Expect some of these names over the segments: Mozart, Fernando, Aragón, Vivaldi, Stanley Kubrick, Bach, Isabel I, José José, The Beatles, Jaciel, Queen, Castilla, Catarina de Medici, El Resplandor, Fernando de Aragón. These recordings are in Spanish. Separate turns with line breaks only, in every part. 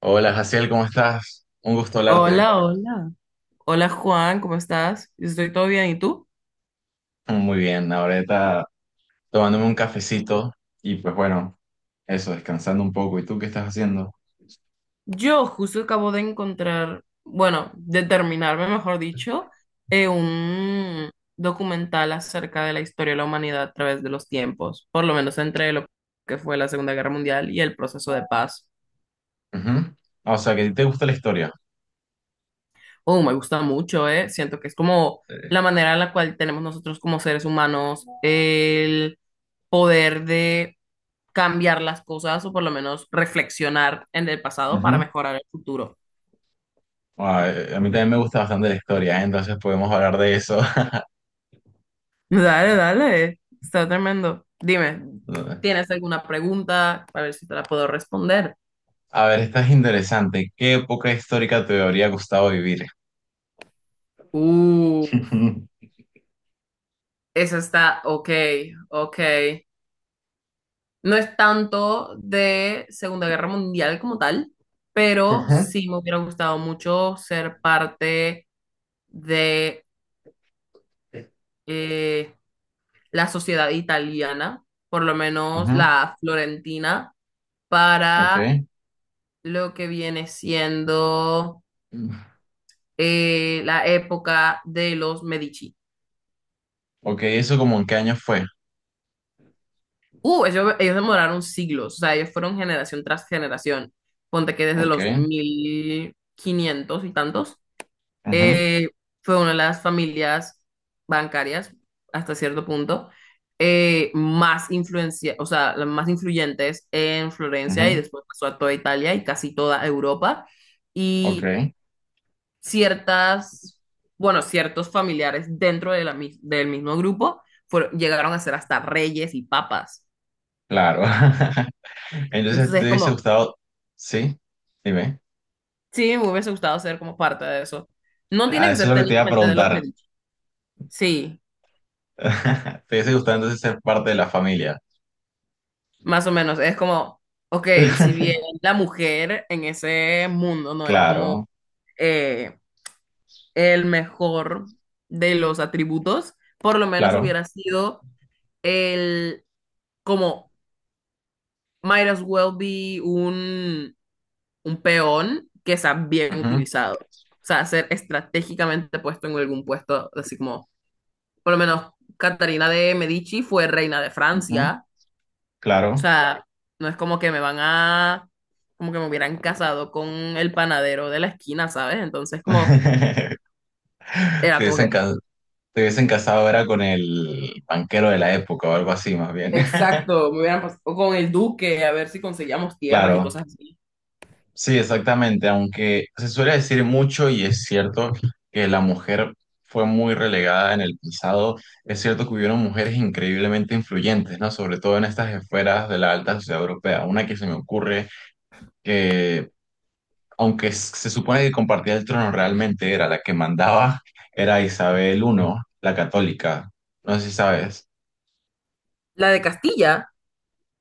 Hola, Jaciel, ¿cómo estás? Un gusto hablarte.
Hola, hola. Hola Juan, ¿cómo estás? Yo estoy todo bien, ¿y tú?
Muy bien, ahorita tomándome un cafecito y pues bueno, eso, descansando un poco. ¿Y tú qué estás haciendo?
Yo justo acabo de encontrar, bueno, de terminarme, mejor dicho, un documental acerca de la historia de la humanidad a través de los tiempos, por lo menos entre lo que fue la Segunda Guerra Mundial y el proceso de paz.
Ujú. Ah, o sea, que te gusta la historia.
Oh, me gusta mucho, ¿eh? Siento que es como
Eh,
la manera en la cual tenemos nosotros como seres humanos el poder de cambiar las cosas o por lo menos reflexionar en el pasado para
ujú.
mejorar el futuro.
Ah, a mí también me gusta bastante la historia, ¿eh? Entonces podemos hablar de eso.
Dale, dale, está tremendo. Dime, ¿tienes alguna pregunta? A ver si te la puedo responder.
A ver, esta es interesante. ¿Qué época histórica te habría gustado vivir?
Uf, esa está, ok, ok. No es tanto de Segunda Guerra Mundial como tal, pero
Ujú.
sí me hubiera gustado mucho ser parte de eh, la sociedad italiana, por lo menos
Ujú.
la florentina,
Ok.
para lo que viene siendo
Mm.
la época de los Medici.
Ok, ¿eso como en qué año fue?
Ellos demoraron siglos, o sea, ellos fueron generación tras generación. Ponte que desde los
Ok.
1500 y tantos,
Ujú.
eh, fue una de las familias bancarias, hasta cierto punto, más influencia, o sea, las más influyentes en Florencia y
Ujú.
después pasó a toda Italia y casi toda Europa. Y
Ok.
ciertas, bueno, ciertos familiares dentro de la, del mismo grupo llegaron a ser hasta reyes y papas.
Claro. Entonces, ¿te
Entonces es
hubiese
como,
gustado? Sí, dime.
sí, me hubiese gustado ser como parte de eso. No tiene
Ah,
que
eso es
ser
lo que te iba a
técnicamente de los
preguntar.
Medici. Sí,
¿Te hubiese gustado entonces ser parte de la familia?
más o menos. Es como, ok, si bien la mujer en ese mundo no era como
Claro,
eh, el mejor de los atributos, por lo menos
claro.
hubiera sido el, como, might as well be un peón que sea bien
Ujú,
utilizado. O sea, ser estratégicamente puesto en algún puesto, así como, por lo menos, Catarina de Medici fue reina de
ujú,
Francia. O
claro.
sea, no es como que me van a, como que me hubieran casado con el panadero de la esquina, ¿sabes? Entonces, como,
Te
era como
hubiesen,
que,
ca- te hubiesen casado era con el banquero de la época o algo así, más bien.
exacto, me hubieran pasado con el duque, a ver si conseguíamos tierras y
Claro.
cosas así.
Sí, exactamente, aunque se suele decir mucho y es cierto que la mujer fue muy relegada en el pasado, es cierto que hubieron mujeres increíblemente influyentes, ¿no? Sobre todo en estas esferas de la alta sociedad europea. Una que se me ocurre que, aunque se supone que compartía el trono, realmente era la que mandaba, era Isabel I, la católica. No sé si sabes.
La de Castilla.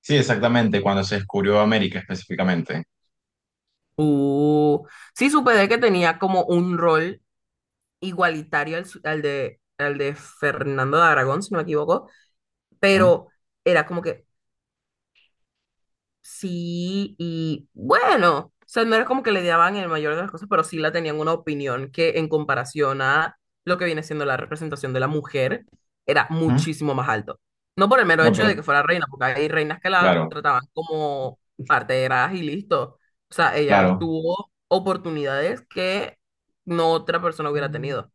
Sí, exactamente, cuando se descubrió América específicamente.
Uh, sí supe de que tenía como un rol igualitario al, al de Fernando de Aragón, si no me equivoco,
¿Mm?
pero era como que sí y bueno, o sea, no era como que le daban el mayor de las cosas, pero sí la tenían una opinión que en comparación a lo que viene siendo la representación de la mujer, era
¿Mm?
muchísimo más alto. No por el mero
No,
hecho
pero
de que fuera reina, porque hay reinas que la
claro,
trataban como parteras y listo. O sea, ella
claro.
tuvo oportunidades que no otra persona hubiera tenido.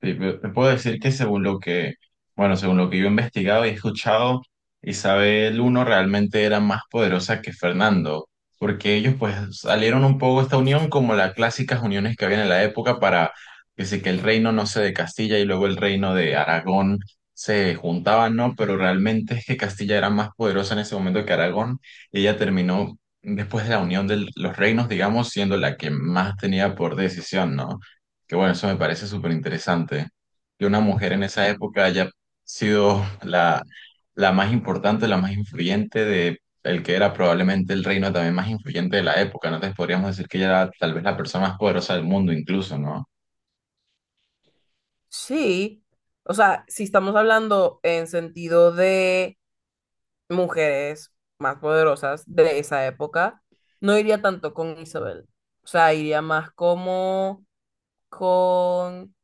Sí, te puedo decir que según lo que, bueno, según lo que yo he investigado y he escuchado, Isabel I realmente era más poderosa que Fernando, porque ellos pues salieron un poco de esta unión como las clásicas uniones que había en la época para que sí, que el reino, no sé, de Castilla y luego el reino de Aragón se juntaban, ¿no? Pero realmente es que Castilla era más poderosa en ese momento que Aragón y ella terminó después de la unión de los reinos, digamos, siendo la que más tenía por decisión, ¿no? Que bueno, eso me parece súper interesante, que una mujer en esa época haya sido la más importante, la más influyente de el que era probablemente el reino también más influyente de la época, ¿no? Entonces podríamos decir que ella era tal vez la persona más poderosa del mundo incluso, ¿no?
Sí, o sea, si estamos hablando en sentido de mujeres más poderosas de esa época, no iría tanto con Isabel. O sea, iría más como con,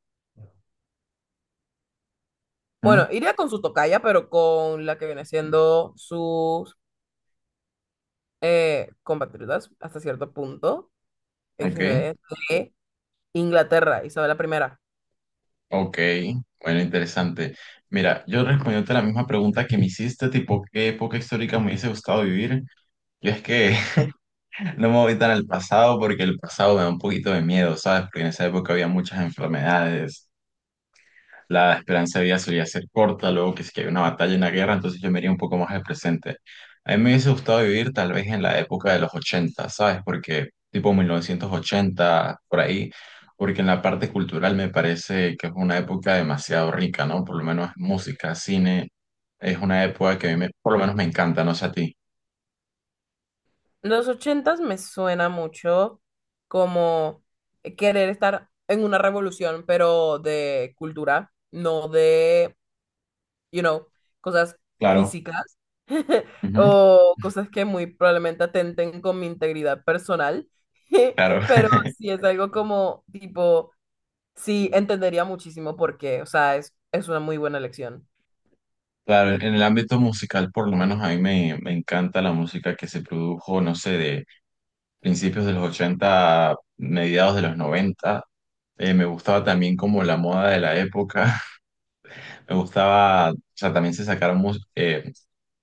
¿Mm?
bueno, iría con su tocaya, pero con la que viene siendo sus compatriotas hasta cierto punto,
Ok,
XD, de de Inglaterra, Isabel I.
ok, bueno, interesante. Mira, yo respondiéndote la misma pregunta que me hiciste, tipo, ¿qué época histórica me hubiese gustado vivir? Yo es que no me voy tan al pasado porque el pasado me da un poquito de miedo, ¿sabes? Porque en esa época había muchas enfermedades, la esperanza de vida solía ser corta, luego que si que hay una batalla, una guerra, entonces yo me iría un poco más al presente. A mí me hubiese gustado vivir tal vez en la época de los ochenta, ¿sabes? Porque tipo 1980 por ahí, porque en la parte cultural me parece que es una época demasiado rica, ¿no? Por lo menos música, cine, es una época que a mí por lo menos me encanta, no sé a ti.
Los ochentas me suena mucho como querer estar en una revolución, pero de cultura, no de, you know, cosas
Claro.
físicas
Ujú.
o cosas que muy probablemente atenten con mi integridad personal.
Claro,
Pero sí es algo como tipo, sí entendería muchísimo por qué, o sea, es una muy buena elección.
claro, en el ámbito musical por lo menos a mí me encanta la música que se produjo, no sé, de principios de los ochenta, mediados de los noventa. Me gustaba también como la moda de la época. Me gustaba, o sea, también se sacaron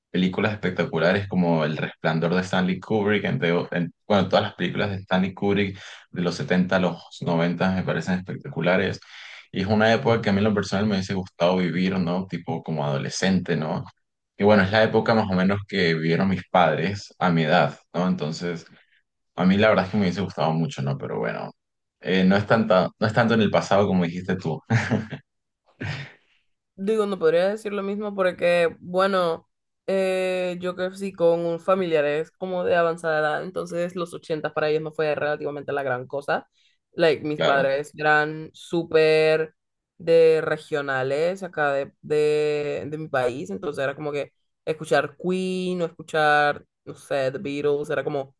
películas espectaculares como El Resplandor de Stanley Kubrick, entre, bueno, todas las películas de Stanley Kubrick de los 70 a los 90 me parecen espectaculares. Y es una época que a mí en lo personal me hubiese gustado vivir, ¿no? Tipo como adolescente, ¿no? Y bueno, es la época más o menos que vivieron mis padres a mi edad, ¿no? Entonces... A mí la verdad es que me hubiese gustado mucho, ¿no? Pero bueno, no es tanta, no es tanto en el pasado como dijiste tú.
Digo, no podría decir lo mismo porque, bueno, yo crecí con familiares como de avanzada edad, entonces los 80 para ellos no fue relativamente la gran cosa. Like, mis
Claro,
padres eran súper de regionales acá de mi país, entonces era como que escuchar Queen o escuchar, no sé, The Beatles, era como,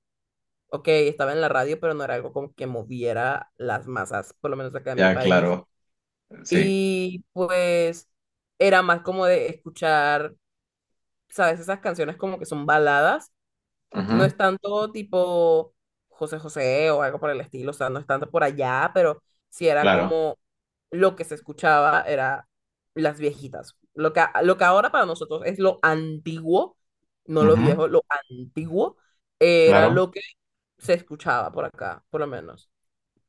ok, estaba en la radio, pero no era algo como que moviera las masas, por lo menos acá en mi
ya,
país.
claro, sí.
Y pues era más como de escuchar, ¿sabes? Esas canciones como que son baladas. No
Ujú,
es tanto tipo José José o algo por el estilo, o sea, no es tanto por allá, pero sí era
claro,
como lo que se escuchaba era las viejitas. Lo que, lo que ahora para nosotros es lo antiguo, no lo
ujú,
viejo, lo antiguo, era
claro.
lo que se escuchaba por acá, por lo menos.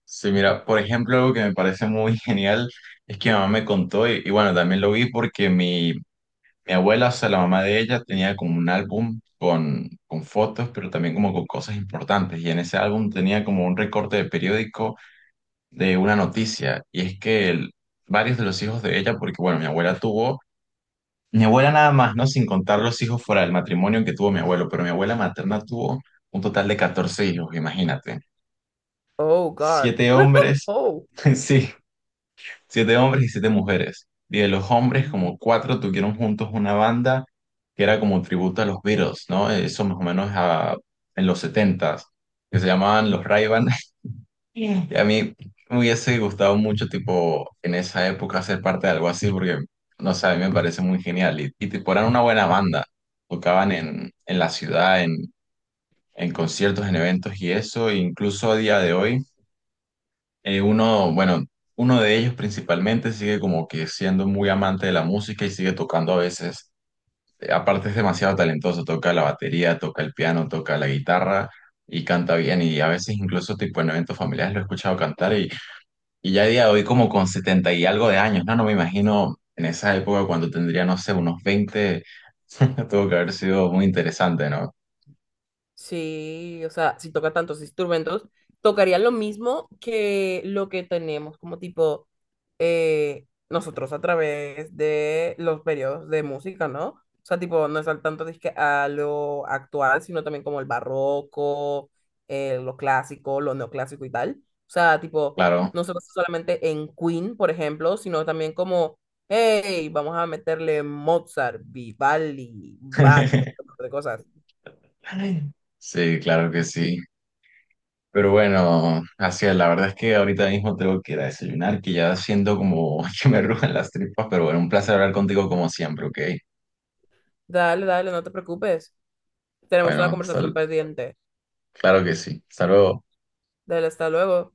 Sí, mira, por ejemplo, algo que me parece muy genial es que mi mamá me contó, y bueno, también lo vi porque mi abuela, o sea, la mamá de ella, tenía como un álbum con fotos, pero también como con cosas importantes. Y en ese álbum tenía como un recorte de periódico de una noticia. Y es que varios de los hijos de ella, porque bueno, mi abuela nada más, ¿no? Sin contar los hijos fuera del matrimonio que tuvo mi abuelo, pero mi abuela materna tuvo un total de 14 hijos, imagínate.
Oh, God.
Siete hombres,
Oh.
sí, siete hombres y siete mujeres. Y de los hombres, como cuatro tuvieron juntos una banda que era como tributo a los Beatles, ¿no? Eso más o menos en los setentas, que se llamaban los ray, y a mí me hubiese gustado mucho, tipo, en esa época ser parte de algo así, porque, no sé, a mí me parece muy genial. Y, tipo, eran una buena banda. Tocaban en la ciudad, en conciertos, en eventos y eso. E incluso a día de hoy, bueno, uno de ellos principalmente sigue como que siendo muy amante de la música y sigue tocando a veces. Aparte es demasiado talentoso, toca la batería, toca el piano, toca la guitarra y canta bien. Y a veces incluso, tipo, en eventos familiares lo he escuchado cantar y ya a día de hoy como con 70 y algo de años, ¿no? No me imagino en esa época cuando tendría, no sé, unos 20. Tuvo que haber sido muy interesante, ¿no?
Sí, o sea, si toca tantos instrumentos, tocaría lo mismo que lo que tenemos como tipo nosotros a través de los periodos de música, ¿no? O sea, tipo, no es al tanto disque a lo actual, sino también como el barroco, lo clásico, lo neoclásico y tal. O sea, tipo,
Claro.
no se basa solamente en Queen, por ejemplo, sino también como, hey, vamos a meterle Mozart, Vivaldi, Bach y todo tipo de cosas.
Sí, claro que sí. Pero bueno, así es, la verdad es que ahorita mismo tengo que ir a desayunar, que ya siento como que me rugen las tripas, pero bueno, un placer hablar contigo como siempre, ¿ok?
Dale, dale, no te preocupes. Tenemos una
Bueno,
conversación pendiente.
claro que sí. Hasta luego.
Dale, hasta luego.